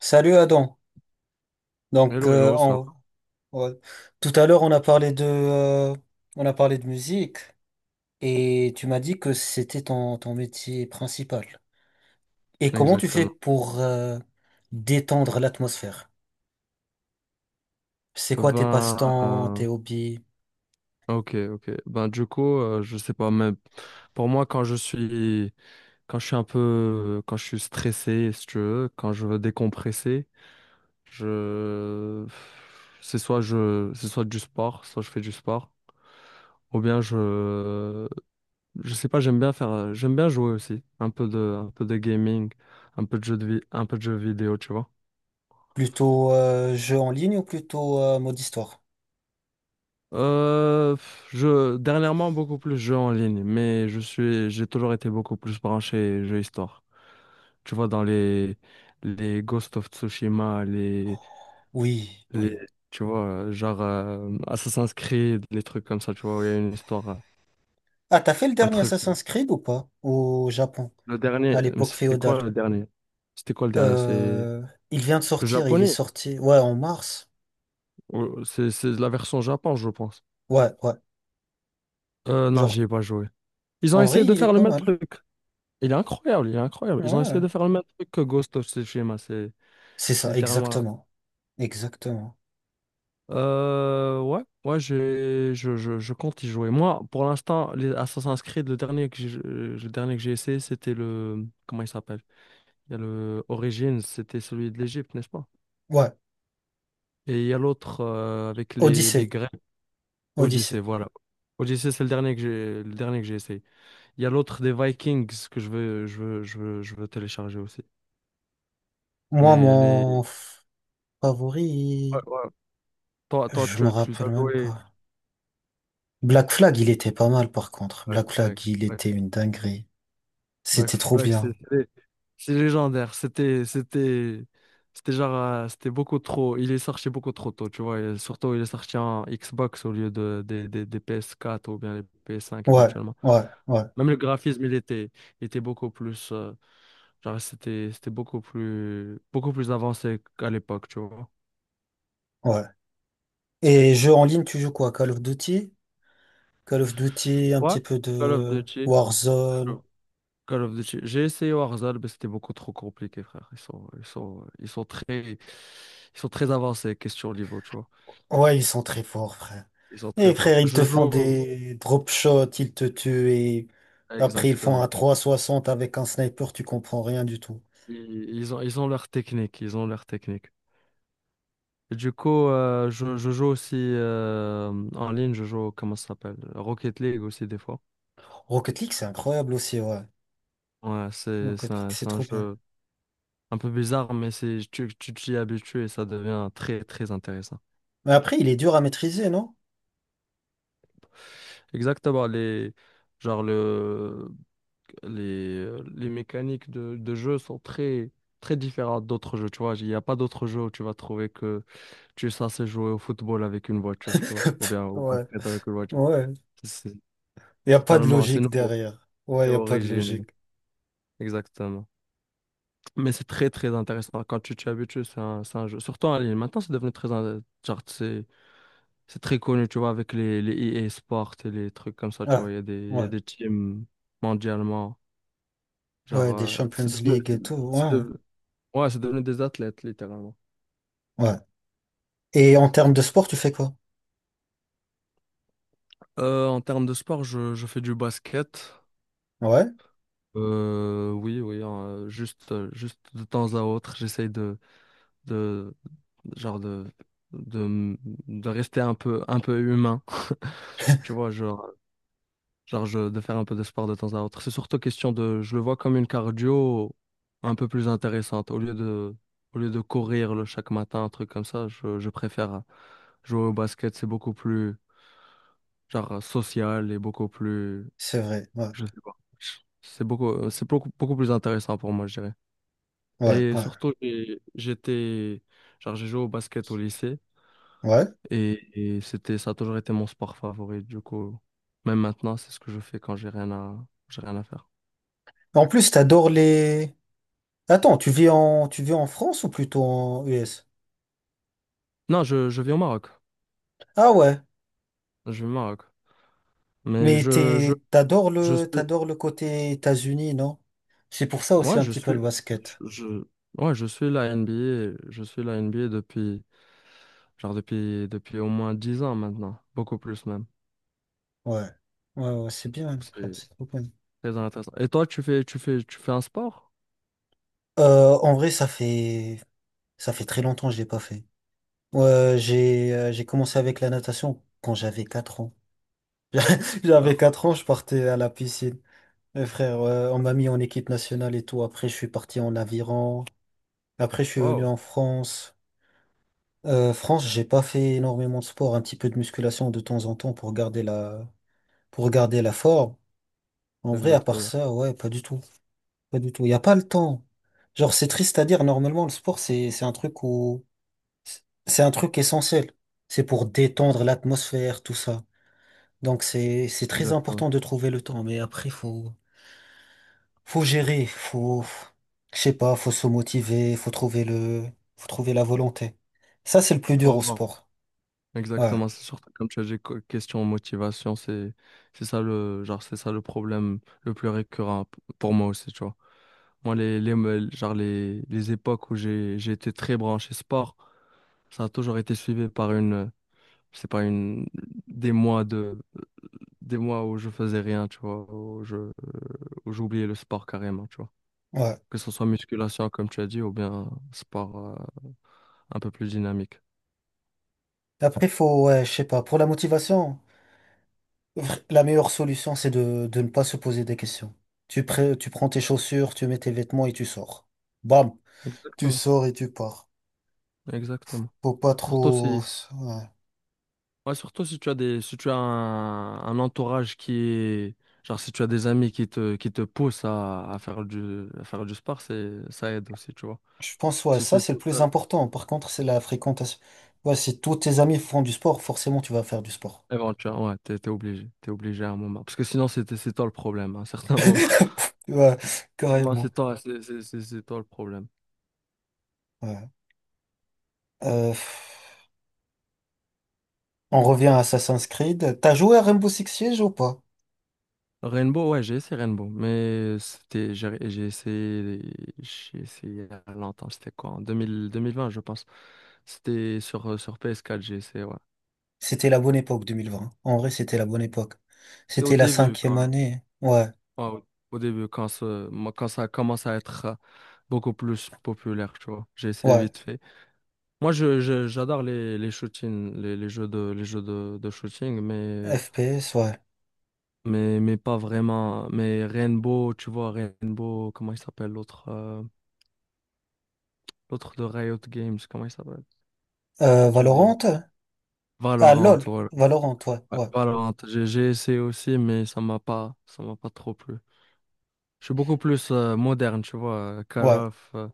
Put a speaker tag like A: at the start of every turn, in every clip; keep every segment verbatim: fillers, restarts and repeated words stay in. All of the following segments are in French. A: Salut Adam. Donc
B: Hello,
A: euh,
B: hello, ça
A: on- on- tout à l'heure on a parlé de euh, on a parlé de musique et tu m'as dit que c'était ton, ton métier principal. Et
B: va?
A: comment tu fais
B: Exactement.
A: pour euh, détendre l'atmosphère? C'est quoi tes
B: Ben,
A: passe-temps,
B: euh,
A: tes hobbies?
B: ok, ok. Ben, du coup, euh, je sais pas, mais pour moi, quand je suis, quand je suis un peu, quand je suis stressé, si tu veux, quand je veux décompresser, je, c'est soit je, c'est soit du sport, soit je fais du sport, ou bien je, je sais pas, j'aime bien faire, euh, j'aime bien jouer aussi, un peu de, un peu de gaming, un peu de jeux de vi- un peu de jeux vidéo, tu vois.
A: Plutôt euh, jeux en ligne ou plutôt euh, mode histoire?
B: Euh, pff, je, dernièrement, beaucoup plus jeux en ligne, mais je suis, j'ai toujours été beaucoup plus branché jeux histoire. Tu vois, dans les, les Ghost of Tsushima, les,
A: Oui,
B: les,
A: oui.
B: tu vois, euh, genre euh, Assassin's Creed, les trucs comme ça, tu vois, où il y a une histoire, euh,
A: Ah, t'as fait le
B: un
A: dernier
B: truc là.
A: Assassin's Creed ou pas? Au Japon,
B: Le dernier,
A: à
B: mais
A: l'époque
B: c'était
A: féodale.
B: quoi le dernier? C'était quoi le dernier? C'est
A: Euh, il vient de
B: le
A: sortir, il est
B: japonais?
A: sorti, ouais, en mars.
B: ou C'est c'est la version Japon, je pense.
A: Ouais, ouais.
B: Euh, non,
A: Genre
B: j'y ai pas joué. Ils ont
A: En vrai,
B: essayé de
A: il est
B: faire le
A: pas
B: même
A: mal.
B: truc. Il est incroyable, il est incroyable. Ils ont essayé
A: Ouais.
B: de faire le même truc que Ghost of Tsushima. C'est
A: C'est
B: c'est
A: ça,
B: littéralement la-
A: exactement. Exactement.
B: Euh, ouais, ouais, j'ai- je, je, je compte y jouer. Moi, pour l'instant, les Assassin's Creed, le dernier que j'ai, euh, le dernier que j'ai essayé, c'était le. Comment il s'appelle? Il y a le Origins, c'était celui de l'Égypte, n'est-ce pas?
A: Ouais,
B: Et il y a l'autre euh, avec les, les
A: Odyssée.
B: Grecs, Odyssey,
A: Odyssée.
B: voilà. Odyssey, c'est le dernier que j'ai, le dernier que j'ai essayé. Il y a l'autre des Vikings que je veux, je veux, je veux, je veux télécharger aussi.
A: Moi,
B: Mais les.
A: mon f-
B: Ouais,
A: favori,
B: ouais. Toi, toi,
A: je me
B: tu, tu les as
A: rappelle même
B: joués.
A: pas. Black Flag, il était pas mal par contre.
B: Black
A: Black Flag,
B: Flag,
A: il
B: Black,
A: était une dinguerie.
B: Black
A: C'était trop
B: Flag, c'est
A: bien.
B: c'est- c'est légendaire. C'était, c'était, c'était genre, euh, c'était beaucoup trop. Il est sorti beaucoup trop tôt, tu vois. Et surtout, il est sorti en Xbox au lieu de, des, des, des P S quatre ou bien les P S cinq
A: Ouais,
B: éventuellement.
A: ouais, ouais,
B: Même le graphisme, il était, il était beaucoup plus, euh, genre, c'était, c'était beaucoup plus, beaucoup plus avancé qu'à l'époque, tu vois.
A: ouais. Et jeu en ligne, tu joues quoi? Call of Duty? Call of Duty, un
B: Ouais.
A: petit peu
B: Call of
A: de
B: Duty.
A: Warzone.
B: Call of Duty. J'ai essayé Warzone, mais c'était beaucoup trop compliqué, frère. Ils sont, ils sont, ils sont très, ils sont très avancés, question niveau, tu vois.
A: Ouais, ils sont très forts, frère.
B: Ils sont très
A: Et
B: forts.
A: frère, ils
B: Je
A: te font
B: joue,
A: des drop shots, ils te tuent et après ils font un
B: exactement.
A: trois soixante avec un sniper, tu comprends rien du tout.
B: Ils, ils ont, ils ont leur technique, ils ont leur technique. Et du coup, euh, je, je joue aussi euh, en ligne, je joue, comment ça s'appelle? Rocket League aussi, des fois.
A: Rocket League, c'est incroyable aussi, ouais.
B: Ouais, c'est, c'est
A: Rocket League,
B: un,
A: c'est
B: c'est un
A: trop bien.
B: jeu un peu bizarre, mais c'est, tu, tu t'y habitues et ça devient très, très intéressant.
A: Mais après, il est dur à maîtriser, non?
B: Exactement, les, genre le, les, euh, les mécaniques de, de jeu sont très, très différentes d'autres jeux, tu vois. Il n'y a pas d'autres jeux où tu vas trouver que tu es censé jouer au football avec une voiture, tu vois, ou bien au
A: Ouais,
B: basket avec une voiture.
A: ouais.
B: C'est
A: Il n'y a pas de
B: totalement, c'est
A: logique
B: nouveau,
A: derrière. Ouais, il
B: c'est
A: n'y a pas de
B: original,
A: logique.
B: exactement. Mais c'est très, très intéressant. Quand tu t'y habitues, c'est un, c'est un jeu, surtout en ligne. Maintenant, c'est devenu très, in- genre, c'est, c'est très connu, tu vois, avec les, les E A Sports et les trucs comme ça, tu vois.
A: Ah,
B: Il y a des, il y a
A: ouais.
B: des teams mondialement. Genre,
A: Ouais, des
B: euh,
A: Champions
B: c'est devenu,
A: League
B: c'est-
A: et tout,
B: c'est
A: ouais.
B: de- Ouais, c'est devenu des athlètes, littéralement.
A: Ouais. Et en termes de sport, tu fais quoi?
B: Euh, en termes de sport, je, je fais du basket.
A: Ouais,
B: Euh, oui, oui, euh, juste, euh, juste de temps à autre, j'essaye de, de, genre de, de, m- de rester un peu, un peu humain. Tu vois, genre, genre je- de faire un peu de sport de temps à autre. C'est surtout question de, je le vois comme une cardio un peu plus intéressante. Au lieu de, au lieu de courir le, chaque matin, un truc comme ça, je, je préfère jouer au basket. C'est beaucoup plus genre euh, social et beaucoup plus,
A: c'est vrai. Ouais,
B: je sais pas. C'est beaucoup, euh, c'est beaucoup, beaucoup plus intéressant pour moi, je dirais.
A: ouais,
B: Et
A: ouais.
B: surtout, j'ai- j'étais, genre, j'ai joué au basket au lycée
A: Ouais.
B: et, et c'était, ça a toujours été mon sport favori. Du coup, même maintenant, c'est ce que je fais quand j'ai rien à, j'ai rien à faire.
A: En plus, t'adores les... Attends, tu vis en, tu vis en France ou plutôt en U S?
B: Non, je, je vis au Maroc.
A: Ah ouais,
B: Je vis au Maroc. Mais
A: mais
B: je, je,
A: t'es, t'adores
B: je
A: le,
B: suis,
A: t'adores le côté États-Unis, non? C'est pour ça aussi
B: ouais,
A: un
B: je
A: petit peu
B: suis,
A: le
B: je,
A: basket.
B: je- ouais, je suis la N B A, je suis la N B A depuis, genre, depuis, depuis au moins dix ans maintenant, beaucoup plus même.
A: Ouais, ouais, ouais, c'est bien, frère,
B: C'est
A: c'est trop bien.
B: très intéressant. Et toi, tu fais, tu fais, tu fais un sport?
A: Euh, en vrai, ça fait, ça fait très longtemps que je l'ai pas fait. Ouais, j'ai, euh, j'ai commencé avec la natation quand j'avais quatre ans. J'avais
B: Ah,
A: quatre ans, je partais à la piscine. Mes frères, ouais, on m'a mis en équipe nationale et tout. Après, je suis parti en aviron. Après, je suis venu
B: wow,
A: en France. Euh, France, j'ai pas fait énormément de sport, un petit peu de musculation de temps en temps pour garder la, pour garder la forme. En vrai, à part
B: exactement,
A: ça, ouais, pas du tout. Pas du tout. Il n'y a pas le temps. Genre, c'est triste à dire, normalement, le sport, c'est, c'est un truc où, c'est un truc essentiel. C'est pour détendre l'atmosphère, tout ça. Donc, c'est, c'est très
B: exactement.
A: important de trouver le temps. Mais après, faut, faut gérer, faut, je sais pas, faut se motiver, faut trouver le, faut trouver la volonté. Ça, c'est le plus
B: Faut
A: dur au
B: avoir.
A: sport. Ouais.
B: Exactement, c'est surtout comme tu as dit, co- question motivation, c'est, c'est ça le, genre, c'est ça le problème le plus récurrent p- pour moi aussi, tu vois. Moi, les, les, me- genre, les, les époques où j'ai, j'ai été très branché sport, ça a toujours été suivi par une, c'est pas une, des mois de, des mois où je faisais rien, tu vois, où je, où j'oubliais le sport carrément, tu vois.
A: Ouais.
B: Que ce soit musculation, comme tu as dit, ou bien sport euh, un peu plus dynamique.
A: Après, faut, ouais, je sais pas, pour la motivation, vr- la meilleure solution, c'est de, de ne pas se poser des questions. Tu, pré- tu prends tes chaussures, tu mets tes vêtements et tu sors. Bam, tu
B: Exactement,
A: sors et tu pars.
B: exactement.
A: Faut pas
B: Surtout
A: trop...
B: si,
A: ouais.
B: Ouais, surtout si tu as des, si tu as un, un entourage qui est, genre si tu as des amis qui te, qui te poussent à, à faire du, à faire du sport, c'est, ça aide aussi, tu vois.
A: Je pense, ouais,
B: Si tu
A: ça,
B: es
A: c'est le
B: tout
A: plus
B: seul,
A: important. Par contre, c'est la fréquentation. Ouais, si tous tes amis font du sport, forcément, tu vas faire du sport.
B: éventuellement, ouais, t'es, t'es obligé, t'es obligé à un moment. Parce que sinon, c'est, c'est toi le problème, à un certain moment.
A: Ouais,
B: À un moment, c'est
A: carrément.
B: toi, c'est, c'est, c'est c'est toi le problème.
A: Ouais. Euh, on revient à Assassin's Creed. T'as joué à Rainbow Six Siege ou pas?
B: Rainbow, ouais, j'ai essayé Rainbow, mais c'était, j'ai j'ai essayé, j'ai essayé il y a longtemps, c'était quoi, en deux mille, deux mille vingt, je pense. C'était sur, euh, sur P S quatre, j'ai essayé, ouais.
A: C'était la bonne époque, deux mille vingt. En vrai, c'était la bonne époque.
B: C'était au
A: C'était la
B: début,
A: cinquième
B: quand,
A: année. Ouais,
B: ouais, au au début, quand, ce- moi, quand ça commence à être euh, beaucoup plus populaire, tu vois. J'ai essayé
A: ouais.
B: vite fait. Moi, je, je- j'adore les, les shootings, les, les jeux de, les jeux de, de shooting, mais, euh,
A: F P S, ouais.
B: mais, mais pas vraiment. Mais Rainbow, tu vois, Rainbow, comment il s'appelle l'autre? euh, L'autre de Riot Games, comment il s'appelle?
A: Euh,
B: J'ai oublié le nom.
A: Valorant? Ah,
B: Valorant,
A: LOL.
B: voilà.
A: Valorant, ouais,
B: Ouais,
A: ouais,
B: Valorant, j'ai j'ai essayé aussi, mais ça m'a pas, ça m'a pas trop plu. Je suis beaucoup plus euh, moderne, tu vois, euh, Call
A: ouais,
B: of. euh,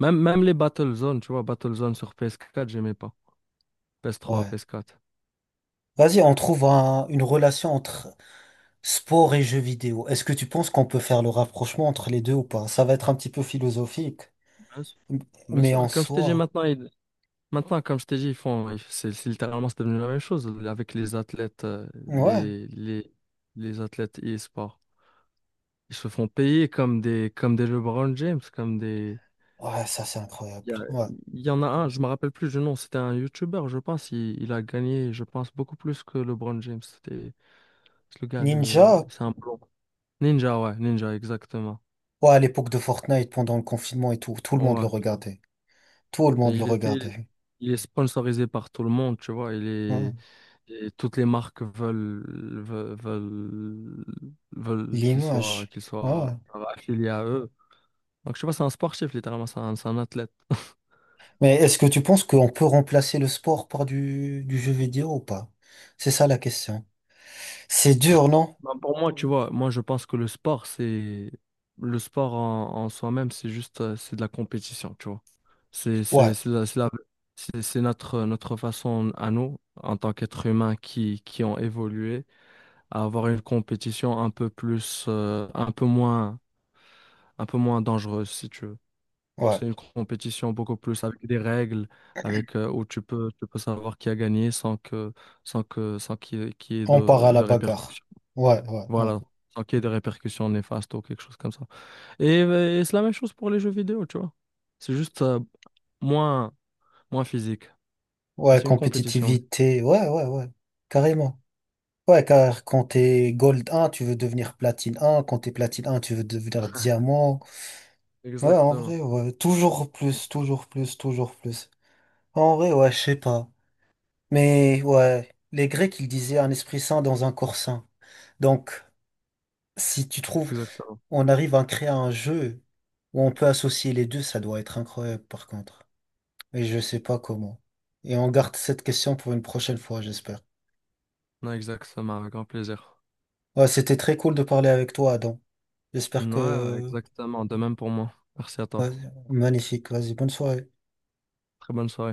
B: Même, même les Battlezone, tu vois, Battlezone sur P S quatre, j'aimais pas. P S trois,
A: ouais.
B: P S quatre.
A: Vas-y, on trouve un- une relation entre sport et jeux vidéo. Est-ce que tu penses qu'on peut faire le rapprochement entre les deux ou pas? Ça va être un petit peu philosophique,
B: Bien sûr. Bien
A: mais en
B: sûr, comme je t'ai dit
A: soi,
B: maintenant, ils- maintenant, comme je t'ai dit, ils font, ils- c'est c'est littéralement, c'est devenu la même chose avec les athlètes, euh,
A: ouais.
B: les, les, les athlètes e-sport. Ils se font payer comme des, comme des LeBron James, comme des,
A: Ouais, ça, c'est incroyable.
B: Il y, a-
A: Ouais.
B: il y en a un, je me rappelle plus du nom, c'était un YouTuber, je pense. Il, il a gagné, je pense, beaucoup plus que LeBron James. C'était c'est le gars, le,
A: Ninja?
B: c'est un blond. Ninja, ouais, Ninja, exactement.
A: Ouais, à l'époque de Fortnite, pendant le confinement et tout, tout le monde le
B: Ouais.
A: regardait. Tout le
B: Et
A: monde le
B: il était,
A: regardait.
B: il est sponsorisé par tout le monde, tu vois. Il
A: Ouais.
B: est, et toutes les marques veulent, veulent, veulent, veulent qu'il soit,
A: L'image.
B: qu'il
A: Ouais.
B: soit affilié à eux. Donc, je sais pas, c'est un sportif, littéralement, c'est un, c'est un athlète.
A: Mais est-ce que tu penses qu'on peut remplacer le sport par du, du jeu vidéo ou pas? C'est ça la question. C'est dur, non?
B: Ben, pour moi, tu vois, moi je pense que le sport, c'est le sport en, en soi-même, c'est juste euh, c'est de la compétition, tu vois. C'est c'est
A: Ouais,
B: c'est la- c'est la- c'est- c'est notre notre façon à nous en tant qu'êtres humains qui qui ont évolué à avoir une compétition un peu plus euh, un peu moins un peu moins dangereuse si tu veux.
A: ouais.
B: C'est une compétition beaucoup plus avec des règles, avec euh, où tu peux tu peux savoir qui a gagné sans que sans que sans qu'il y ait, qu'il y ait
A: On part
B: de
A: à la
B: de
A: bagarre.
B: répercussions.
A: Ouais, ouais, ouais.
B: Voilà, sans qu'il y ait des répercussions néfastes ou quelque chose comme ça. Et, euh, et c'est la même chose pour les jeux vidéo, tu vois. C'est juste euh, moins, moins physique. Mais
A: Ouais,
B: c'est une compétition, oui.
A: compétitivité. Ouais, ouais, ouais. Carrément. Ouais, car quand t'es Gold un, tu veux devenir Platine un. Quand t'es Platine un, tu veux devenir Diamant. Ouais, en
B: Exactement.
A: vrai, ouais. Toujours plus, toujours plus, toujours plus. En vrai, ouais, je sais pas. Mais ouais, les Grecs, ils disaient un esprit sain dans un corps sain. Donc, si tu trouves,
B: Exactement.
A: on arrive à créer un jeu où on peut associer les deux, ça doit être incroyable par contre. Et je sais pas comment. Et on garde cette question pour une prochaine fois, j'espère.
B: Non, exactement, avec grand plaisir.
A: Ouais, c'était très cool de parler avec toi, Adam. J'espère
B: Ouais, ouais,
A: que...
B: exactement. De même pour moi. Merci à toi.
A: ouais, magnifique. Vas-y, bonne soirée.
B: Très bonne soirée.